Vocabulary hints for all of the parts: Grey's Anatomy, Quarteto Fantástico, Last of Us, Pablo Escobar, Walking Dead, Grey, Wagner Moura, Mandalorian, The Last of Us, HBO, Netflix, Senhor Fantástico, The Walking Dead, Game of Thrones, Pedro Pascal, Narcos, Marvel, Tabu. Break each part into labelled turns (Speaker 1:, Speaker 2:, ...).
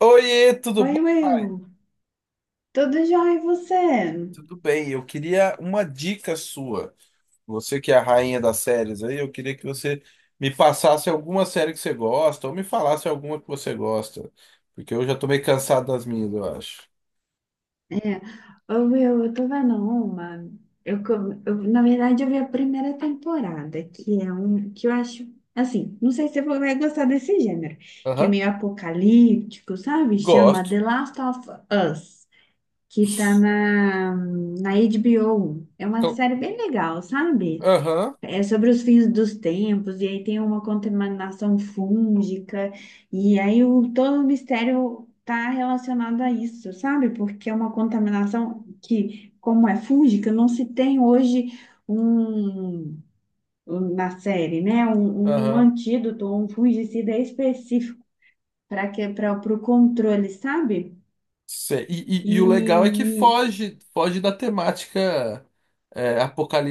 Speaker 1: Oiê, tudo
Speaker 2: Oi,
Speaker 1: bom, pai?
Speaker 2: Will. Tudo jóia e você?
Speaker 1: Tudo bem, eu queria uma dica sua. Você que é a rainha das séries aí, eu queria que você me passasse alguma série que você gosta, ou me falasse alguma que você gosta. Porque eu já tô meio cansado das minhas, eu acho.
Speaker 2: É, ô, Will, eu tô vendo uma. Eu, co- eu, na verdade, eu vi a primeira temporada, que é um que eu acho assim, não sei se você vai gostar desse gênero, que é
Speaker 1: Aham,
Speaker 2: meio apocalíptico, sabe? Chama
Speaker 1: gosto.
Speaker 2: The Last of Us, que tá na HBO. É uma
Speaker 1: Cl-
Speaker 2: série bem legal, sabe?
Speaker 1: Aham,
Speaker 2: É sobre os fins dos tempos, e aí tem uma contaminação fúngica, e aí o, todo o mistério está relacionado a isso, sabe? Porque é uma contaminação que, como é fúngica, não se tem hoje um, na série, né? Um
Speaker 1: aham.
Speaker 2: antídoto, um fungicida específico para que para o controle, sabe?
Speaker 1: Sei. E o legal é que
Speaker 2: E
Speaker 1: foge, foge da temática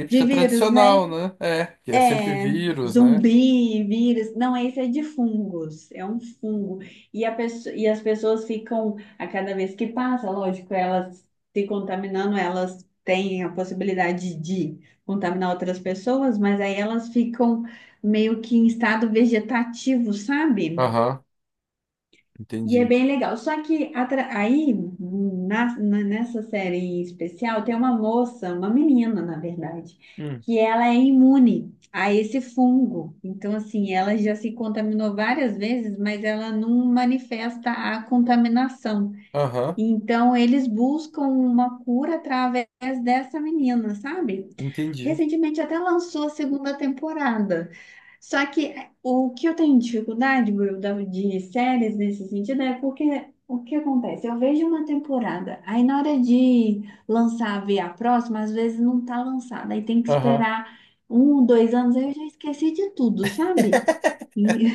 Speaker 2: de vírus, né?
Speaker 1: tradicional, né? É, que é sempre
Speaker 2: É,
Speaker 1: vírus, né?
Speaker 2: zumbi, vírus. Não, esse é de fungos. É um fungo. E, e as pessoas ficam, a cada vez que passa, lógico, elas se contaminando, elas têm a possibilidade de contaminar outras pessoas, mas aí elas ficam meio que em estado vegetativo, sabe?
Speaker 1: Aham,
Speaker 2: E é
Speaker 1: entendi.
Speaker 2: bem legal. Só que aí, nessa série em especial, tem uma moça, uma menina, na verdade,
Speaker 1: Hum.
Speaker 2: que ela é imune a esse fungo. Então, assim, ela já se contaminou várias vezes, mas ela não manifesta a contaminação.
Speaker 1: Aham,
Speaker 2: Então, eles buscam uma cura através dessa menina, sabe?
Speaker 1: entendi.
Speaker 2: Recentemente até lançou a segunda temporada. Só que é, o que eu tenho dificuldade, Will, de séries nesse sentido é porque o que acontece? Eu vejo uma temporada, aí na hora de lançar, ver a próxima, às vezes não tá lançada, aí tem que
Speaker 1: Aham.
Speaker 2: esperar um, dois anos, aí eu já esqueci de tudo, sabe? E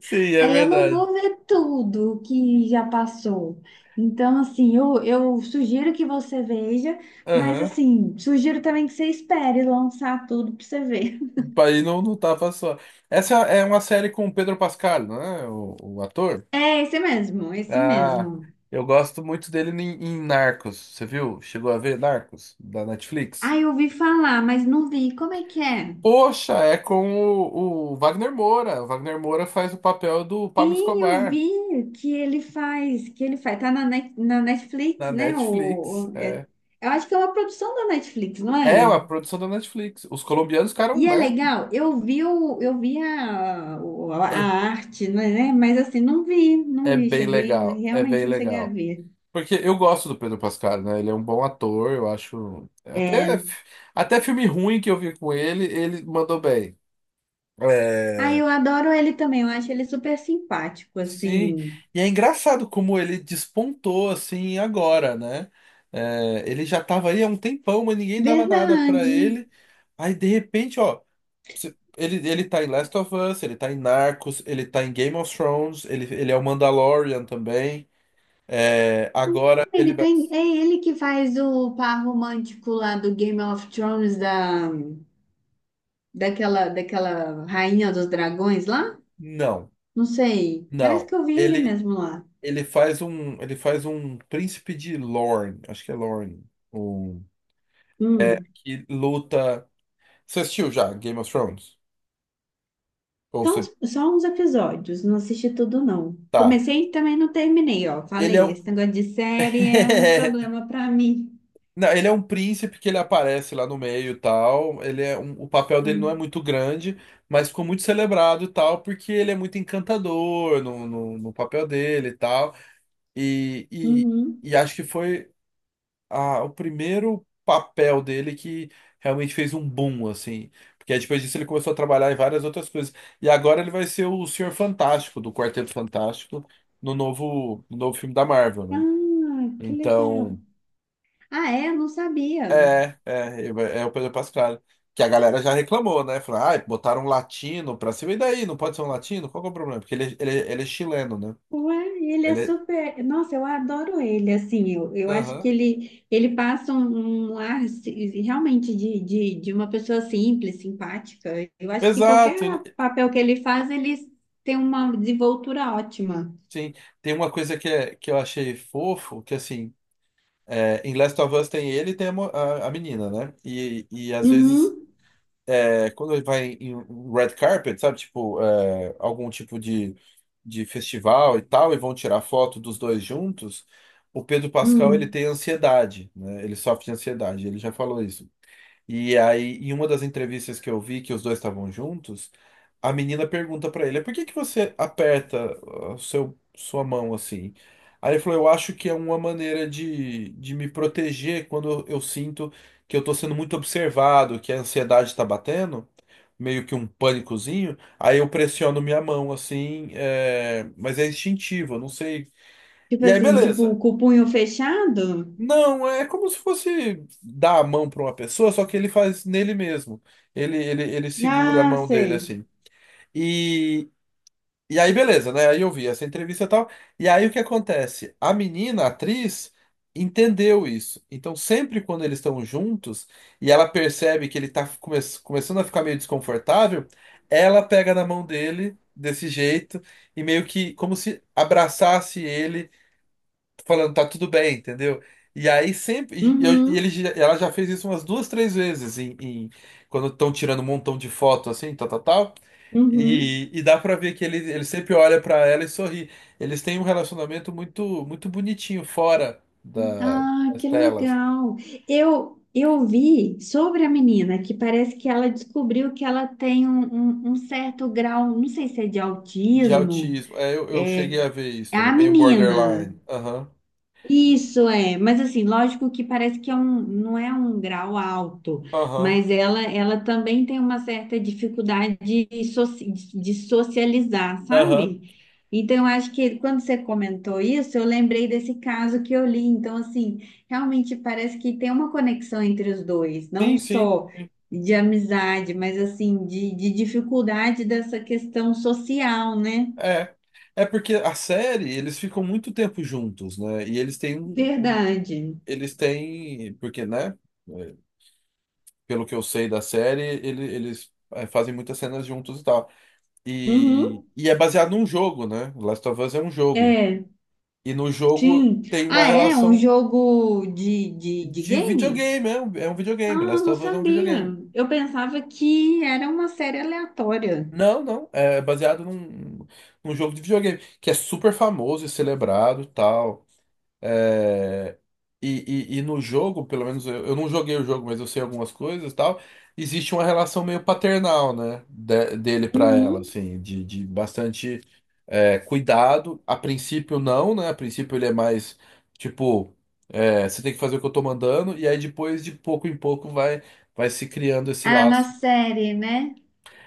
Speaker 1: Sim, é
Speaker 2: aí eu não
Speaker 1: verdade.
Speaker 2: vou ver tudo que já passou. Então, assim, eu sugiro que você veja, mas
Speaker 1: Aham.
Speaker 2: assim, sugiro também que você espere lançar tudo pra você ver.
Speaker 1: Aí não, não tava só. Essa é uma série com o Pedro Pascal, não é? O ator?
Speaker 2: É esse mesmo, esse
Speaker 1: Ah,
Speaker 2: mesmo.
Speaker 1: eu gosto muito dele em Narcos. Você viu? Chegou a ver Narcos da Netflix?
Speaker 2: Ah, eu ouvi falar, mas não vi. Como é que é?
Speaker 1: Poxa, é com o Wagner Moura. O Wagner Moura faz o papel do Pablo
Speaker 2: Sim, eu
Speaker 1: Escobar
Speaker 2: vi que ele faz, que ele faz. Tá na, na Netflix,
Speaker 1: na
Speaker 2: né?
Speaker 1: Netflix. É,
Speaker 2: Eu acho que é uma produção da Netflix, não
Speaker 1: é
Speaker 2: é?
Speaker 1: uma produção da Netflix. Os colombianos
Speaker 2: E
Speaker 1: ficaram,
Speaker 2: é
Speaker 1: né?
Speaker 2: legal. Eu vi, o, eu vi a
Speaker 1: É,
Speaker 2: arte, né? Mas assim, não vi, não
Speaker 1: é
Speaker 2: vi.
Speaker 1: bem
Speaker 2: Cheguei, não-
Speaker 1: legal. É bem
Speaker 2: realmente não cheguei a
Speaker 1: legal.
Speaker 2: ver.
Speaker 1: Porque eu gosto do Pedro Pascal, né? Ele é um bom ator, eu acho. Até,
Speaker 2: É.
Speaker 1: até filme ruim que eu vi com ele, ele mandou bem.
Speaker 2: Ah,
Speaker 1: É,
Speaker 2: eu adoro ele também. Eu acho ele super simpático,
Speaker 1: sim.
Speaker 2: assim.
Speaker 1: E é engraçado como ele despontou assim agora, né? É, ele já tava aí há um tempão, mas ninguém dava nada pra
Speaker 2: Verdade.
Speaker 1: ele. Aí de repente, ó, ele tá em Last of Us, ele tá em Narcos, ele tá em Game of Thrones, ele é o Mandalorian também. É, agora ele
Speaker 2: Ele
Speaker 1: vai.
Speaker 2: tem, é ele que faz o par romântico lá do Game of Thrones, da, daquela, daquela rainha dos dragões lá?
Speaker 1: Não,
Speaker 2: Não sei. Parece
Speaker 1: não.
Speaker 2: que eu vi ele mesmo lá.
Speaker 1: Ele faz um príncipe de Lorne, acho que é Lorne, um, é,
Speaker 2: Hum.
Speaker 1: que luta. Você assistiu já Game of Thrones? Ou
Speaker 2: Então,
Speaker 1: você
Speaker 2: só uns episódios, não assisti tudo, não.
Speaker 1: tá?
Speaker 2: Comecei e também não terminei, ó.
Speaker 1: Ele é
Speaker 2: Falei,
Speaker 1: um
Speaker 2: esse negócio de série é um problema pra mim.
Speaker 1: Não, ele é um príncipe que ele aparece lá no meio e tal. O papel dele não é
Speaker 2: Hum.
Speaker 1: muito grande, mas ficou muito celebrado e tal, porque ele é muito encantador no papel dele e tal. E, e,
Speaker 2: Uhum.
Speaker 1: e acho que foi. O primeiro papel dele que realmente fez um boom, assim. Porque aí depois disso ele começou a trabalhar em várias outras coisas. E agora ele vai ser o Senhor Fantástico, do Quarteto Fantástico, no novo filme da Marvel, né?
Speaker 2: Ah, que legal.
Speaker 1: Então,
Speaker 2: Ah, é? Eu não sabia.
Speaker 1: ele vai- é o Pedro Pascal. Que a galera já reclamou, né? Falou, ah, botaram um latino pra cima. E daí? Não pode ser um latino? Qual que é o problema? Porque ele é chileno, né?
Speaker 2: Ué, ele é
Speaker 1: Ele é.
Speaker 2: super. Nossa, eu adoro ele. Assim, eu acho que
Speaker 1: Aham.
Speaker 2: ele passa um, um ar assim, realmente de uma pessoa simples, simpática. Eu acho que
Speaker 1: Exato.
Speaker 2: qualquer papel que ele faz, ele tem uma desenvoltura ótima.
Speaker 1: Sim. Tem uma coisa que, é, que eu achei fofo, que assim. É, em Last of Us tem ele e tem a menina, né? E às vezes,
Speaker 2: Uhum.
Speaker 1: é, quando ele vai em um red carpet, sabe? Tipo, é, algum tipo de festival e tal, e vão tirar foto dos dois juntos, o Pedro Pascal, ele
Speaker 2: Hum.
Speaker 1: tem ansiedade, né? Ele sofre de ansiedade, ele já falou isso. E aí, em uma das entrevistas que eu vi que os dois estavam juntos, a menina pergunta pra ele: "Por que que você aperta ah, seu sua mão assim?" Aí ele falou: "Eu acho que é uma maneira de me proteger quando eu sinto que eu tô sendo muito observado, que a ansiedade tá batendo, meio que um pânicozinho, aí eu pressiono minha mão assim, é, mas é instintivo, eu não sei."
Speaker 2: Tipo
Speaker 1: E aí,
Speaker 2: assim, tipo
Speaker 1: beleza.
Speaker 2: com o punho fechado.
Speaker 1: Não, é como se fosse dar a mão para uma pessoa, só que ele faz nele mesmo. Ele segura a
Speaker 2: Ah,
Speaker 1: mão dele
Speaker 2: sei.
Speaker 1: assim. E, e aí, beleza, né? Aí eu vi essa entrevista e tal. E aí o que acontece? A menina, a atriz, entendeu isso. Então, sempre quando eles estão juntos e ela percebe que ele tá começando a ficar meio desconfortável, ela pega na mão dele desse jeito e meio que como se abraçasse ele falando, tá tudo bem, entendeu? E aí sempre.
Speaker 2: Uhum.
Speaker 1: Ela já fez isso umas duas, três vezes, quando estão tirando um montão de foto assim, tal, tal, tal.
Speaker 2: Uhum.
Speaker 1: E dá pra ver que ele sempre olha pra ela e sorri. Eles têm um relacionamento muito, muito bonitinho fora da-
Speaker 2: Ah,
Speaker 1: das
Speaker 2: que
Speaker 1: telas.
Speaker 2: legal. Eu vi sobre a menina que parece que ela descobriu que ela tem um certo grau, não sei se é de
Speaker 1: De
Speaker 2: autismo.
Speaker 1: autismo. É, eu
Speaker 2: É,
Speaker 1: cheguei a ver isso
Speaker 2: é a
Speaker 1: também. Meio
Speaker 2: menina.
Speaker 1: borderline. Aham.
Speaker 2: Isso é, mas assim, lógico que parece que é um, não é um grau alto,
Speaker 1: Aham.
Speaker 2: mas ela também tem uma certa dificuldade de, de socializar,
Speaker 1: Aham.
Speaker 2: sabe? Então, eu acho que quando você comentou isso, eu lembrei desse caso que eu li. Então, assim, realmente parece que tem uma conexão entre os dois, não
Speaker 1: Sim, sim.
Speaker 2: só
Speaker 1: sim.
Speaker 2: de amizade, mas assim, de dificuldade dessa questão social, né?
Speaker 1: É. É porque a série, eles ficam muito tempo juntos, né? E eles têm um,
Speaker 2: Verdade.
Speaker 1: Eles têm, porque, né? eh, Pelo que eu sei da série, fazem muitas cenas juntos e tal. E,
Speaker 2: Uhum.
Speaker 1: e é baseado num jogo, né? Last of Us é um jogo.
Speaker 2: É.
Speaker 1: E no jogo
Speaker 2: Sim.
Speaker 1: tem uma
Speaker 2: Ah, é? Um
Speaker 1: relação
Speaker 2: jogo de
Speaker 1: de
Speaker 2: game?
Speaker 1: videogame, é um videogame.
Speaker 2: Ah,
Speaker 1: Last
Speaker 2: não
Speaker 1: of Us é um
Speaker 2: sabia.
Speaker 1: videogame.
Speaker 2: Eu pensava que era uma série aleatória.
Speaker 1: Não, não, é baseado num jogo de videogame, que é super famoso e celebrado e tal. É, e, e no jogo, pelo menos eu não joguei o jogo, mas eu sei algumas coisas e tal. Existe uma relação meio paternal, né? Dele pra
Speaker 2: Uhum.
Speaker 1: ela, assim, de bastante é, cuidado. A princípio, não, né? A princípio, ele é mais tipo, é, você tem que fazer o que eu tô mandando, e aí depois, de pouco em pouco, vai se criando esse
Speaker 2: Ah, na
Speaker 1: laço.
Speaker 2: série, né?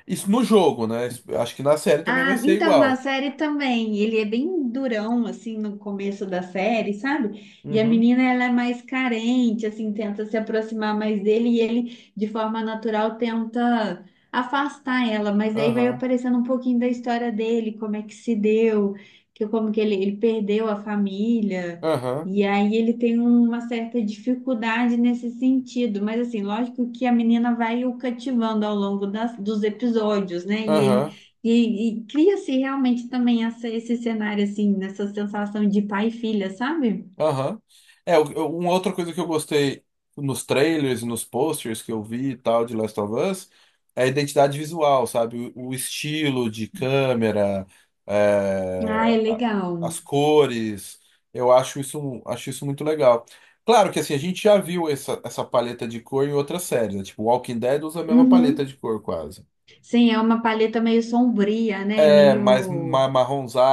Speaker 1: Isso no jogo, né? Isso- Acho que na série também vai
Speaker 2: Ah,
Speaker 1: ser
Speaker 2: então, na
Speaker 1: igual.
Speaker 2: série também, ele é bem durão, assim, no começo da série, sabe? E a
Speaker 1: Uhum.
Speaker 2: menina, ela é mais carente, assim, tenta se aproximar mais dele e ele, de forma natural, tenta afastar ela, mas aí vai
Speaker 1: Aham.
Speaker 2: aparecendo um pouquinho da história dele, como é que se deu, que como que ele perdeu a família,
Speaker 1: Aham.
Speaker 2: e aí ele tem uma certa dificuldade nesse sentido, mas assim, lógico que a menina vai o cativando ao longo das, dos episódios, né? E ele
Speaker 1: Aham.
Speaker 2: e cria-se realmente também essa, esse cenário, assim, nessa sensação de pai e filha, sabe?
Speaker 1: Aham. É, uma outra coisa que eu gostei nos trailers, nos posters que eu vi e tal de Last of Us é a identidade visual, sabe? O estilo de câmera,
Speaker 2: Ah, é
Speaker 1: é, a- as
Speaker 2: legal.
Speaker 1: cores. Eu acho isso muito legal. Claro que assim, a gente já viu essa paleta de cor em outras séries, né? Tipo, Walking Dead usa a mesma paleta
Speaker 2: Uhum.
Speaker 1: de cor quase.
Speaker 2: Sim, é uma paleta meio sombria, né?
Speaker 1: É mais
Speaker 2: Meio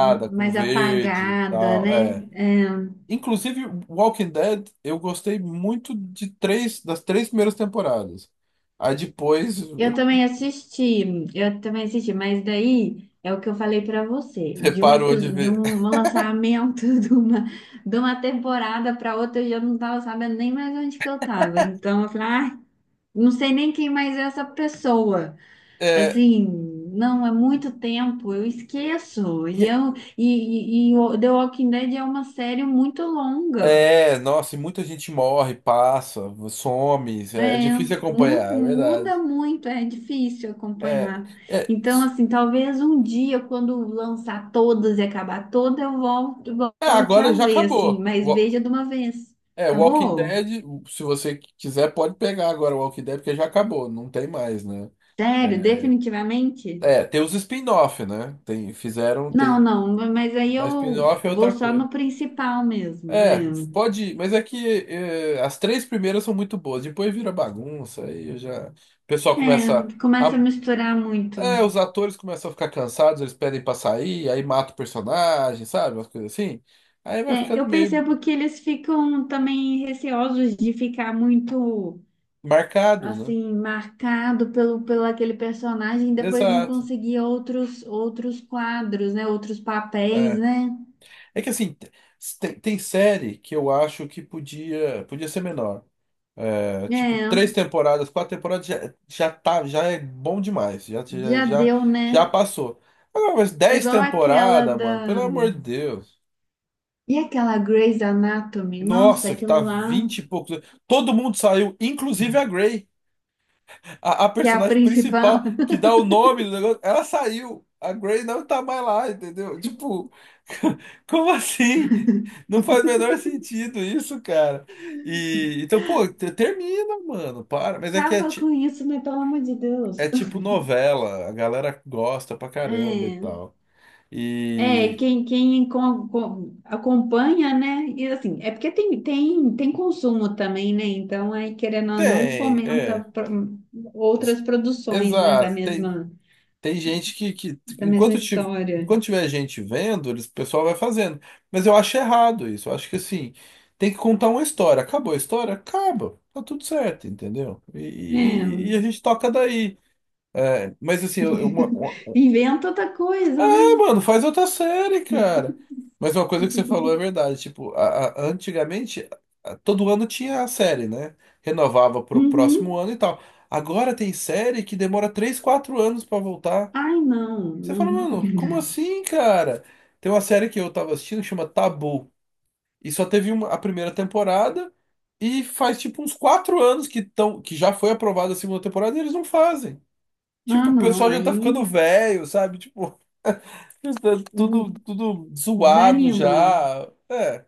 Speaker 1: com
Speaker 2: mais
Speaker 1: verde e
Speaker 2: apagada,
Speaker 1: tal. É.
Speaker 2: né? É.
Speaker 1: Inclusive, Walking Dead, eu gostei muito de 3, das 3 primeiras temporadas. Aí depois eu
Speaker 2: Eu também assisti, mas daí é o que eu falei para você, de um
Speaker 1: reparou de
Speaker 2: episódio, de um
Speaker 1: ver.
Speaker 2: um lançamento de uma temporada para outra, eu já não tava sabendo nem mais onde que eu tava. Então eu falei, ah, não sei nem quem mais é essa pessoa.
Speaker 1: É,
Speaker 2: Assim, não, é muito tempo, eu esqueço.
Speaker 1: e-
Speaker 2: E o The Walking Dead é uma série muito longa.
Speaker 1: nossa, e muita gente morre, passa, some, é
Speaker 2: É,
Speaker 1: difícil acompanhar, é
Speaker 2: muda
Speaker 1: verdade.
Speaker 2: muito, é difícil
Speaker 1: É,
Speaker 2: acompanhar.
Speaker 1: é,
Speaker 2: Então,
Speaker 1: s-
Speaker 2: assim, talvez um dia, quando lançar todas e acabar toda, eu volto, volte a
Speaker 1: agora já
Speaker 2: ver, assim,
Speaker 1: acabou.
Speaker 2: mas veja de uma vez.
Speaker 1: É, Walking
Speaker 2: Acabou?
Speaker 1: Dead, se você quiser, pode pegar agora o Walking Dead, porque já acabou, não tem mais, né?
Speaker 2: Sério,
Speaker 1: É,
Speaker 2: definitivamente?
Speaker 1: tem os spin-off, né? Tem, fizeram,
Speaker 2: Não,
Speaker 1: tem.
Speaker 2: não, mas aí
Speaker 1: Mas
Speaker 2: eu
Speaker 1: spin-off é
Speaker 2: vou
Speaker 1: outra
Speaker 2: só
Speaker 1: coisa.
Speaker 2: no principal mesmo.
Speaker 1: É,
Speaker 2: É.
Speaker 1: pode, mas é que as três primeiras são muito boas, depois vira bagunça, aí eu já. O pessoal começa
Speaker 2: É, começa a
Speaker 1: a.
Speaker 2: misturar muito.
Speaker 1: É, os atores começam a ficar cansados, eles pedem pra sair, aí mata o personagem, sabe? Umas coisas assim. Aí vai
Speaker 2: É,
Speaker 1: ficando
Speaker 2: eu
Speaker 1: meio
Speaker 2: percebo que eles ficam também receosos de ficar muito,
Speaker 1: marcados, né?
Speaker 2: assim, marcado pelo, pelo aquele personagem e depois não
Speaker 1: Exato.
Speaker 2: conseguir outros, outros quadros, né? Outros papéis,
Speaker 1: É,
Speaker 2: né?
Speaker 1: é que assim, tem série que eu acho que podia, podia ser menor. É, tipo, três
Speaker 2: É,
Speaker 1: temporadas, quatro temporadas já, já tá, já é bom demais.
Speaker 2: já deu, né?
Speaker 1: Já passou. Agora, mas dez
Speaker 2: Igual aquela
Speaker 1: temporadas, mano,
Speaker 2: da...
Speaker 1: pelo amor de Deus.
Speaker 2: E aquela Grey's Anatomy? Nossa,
Speaker 1: Nossa, que
Speaker 2: aquilo
Speaker 1: tá
Speaker 2: lá,
Speaker 1: vinte e poucos. Todo mundo saiu, inclusive a Grey, a
Speaker 2: que é a
Speaker 1: personagem
Speaker 2: principal.
Speaker 1: principal que dá o nome do negócio. Ela saiu. A Grey não tá mais lá, entendeu? Tipo, como assim? Não faz o menor sentido isso, cara. E então, pô, termina, mano, para. Mas é que é.
Speaker 2: Acaba com isso, né? Pelo amor de Deus.
Speaker 1: É tipo novela, a galera gosta pra caramba e
Speaker 2: É.
Speaker 1: tal.
Speaker 2: É,
Speaker 1: E
Speaker 2: acompanha, né? E assim, é porque tem consumo também, né? Então, aí, querendo ou não,
Speaker 1: tem,
Speaker 2: fomenta
Speaker 1: é. Ex-
Speaker 2: outras produções, né?
Speaker 1: Exato, tem, tem gente
Speaker 2: Da mesma história.
Speaker 1: enquanto tiver gente vendo, eles, o pessoal vai fazendo. Mas eu acho errado isso. Eu acho que assim, tem que contar uma história. Acabou a história? Acaba. Tá tudo certo, entendeu? E,
Speaker 2: É,
Speaker 1: e- e a gente toca daí. É, mas assim, uma,
Speaker 2: inventa outra coisa, né?
Speaker 1: Mano, faz outra série, cara. Mas uma coisa que você falou é verdade. Tipo, antigamente, todo ano tinha a série, né? Renovava pro próximo
Speaker 2: Uhum.
Speaker 1: ano e tal. Agora tem série que demora 3, 4 anos pra voltar.
Speaker 2: Ai, não.
Speaker 1: Você fala,
Speaker 2: não.
Speaker 1: mano, como assim, cara? Tem uma série que eu tava assistindo que chama Tabu. E só teve uma, a primeira temporada. E faz tipo uns 4 anos que, tão, que já foi aprovada a segunda temporada e eles não fazem. Tipo,
Speaker 2: Ah,
Speaker 1: o
Speaker 2: não.
Speaker 1: pessoal já tá ficando
Speaker 2: Aí
Speaker 1: velho, sabe? Tipo, já tá tudo,
Speaker 2: hum,
Speaker 1: tudo zoado
Speaker 2: desanima.
Speaker 1: já. É.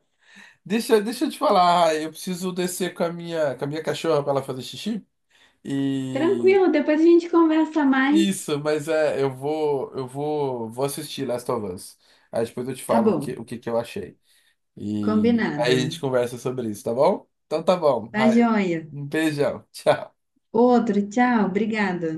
Speaker 1: Deixa, deixa eu te falar, Ah, eu preciso descer com a minha cachorra pra ela fazer xixi. E
Speaker 2: Tranquilo, depois a gente conversa mais.
Speaker 1: isso, mas é, vou assistir Last of Us. Aí depois eu te
Speaker 2: Tá
Speaker 1: falo
Speaker 2: bom,
Speaker 1: o que que eu achei. E aí a gente
Speaker 2: combinado.
Speaker 1: conversa sobre isso, tá bom? Então tá bom.
Speaker 2: Tá
Speaker 1: Raio.
Speaker 2: joia.
Speaker 1: Um beijão. Tchau.
Speaker 2: Outro, tchau, obrigada.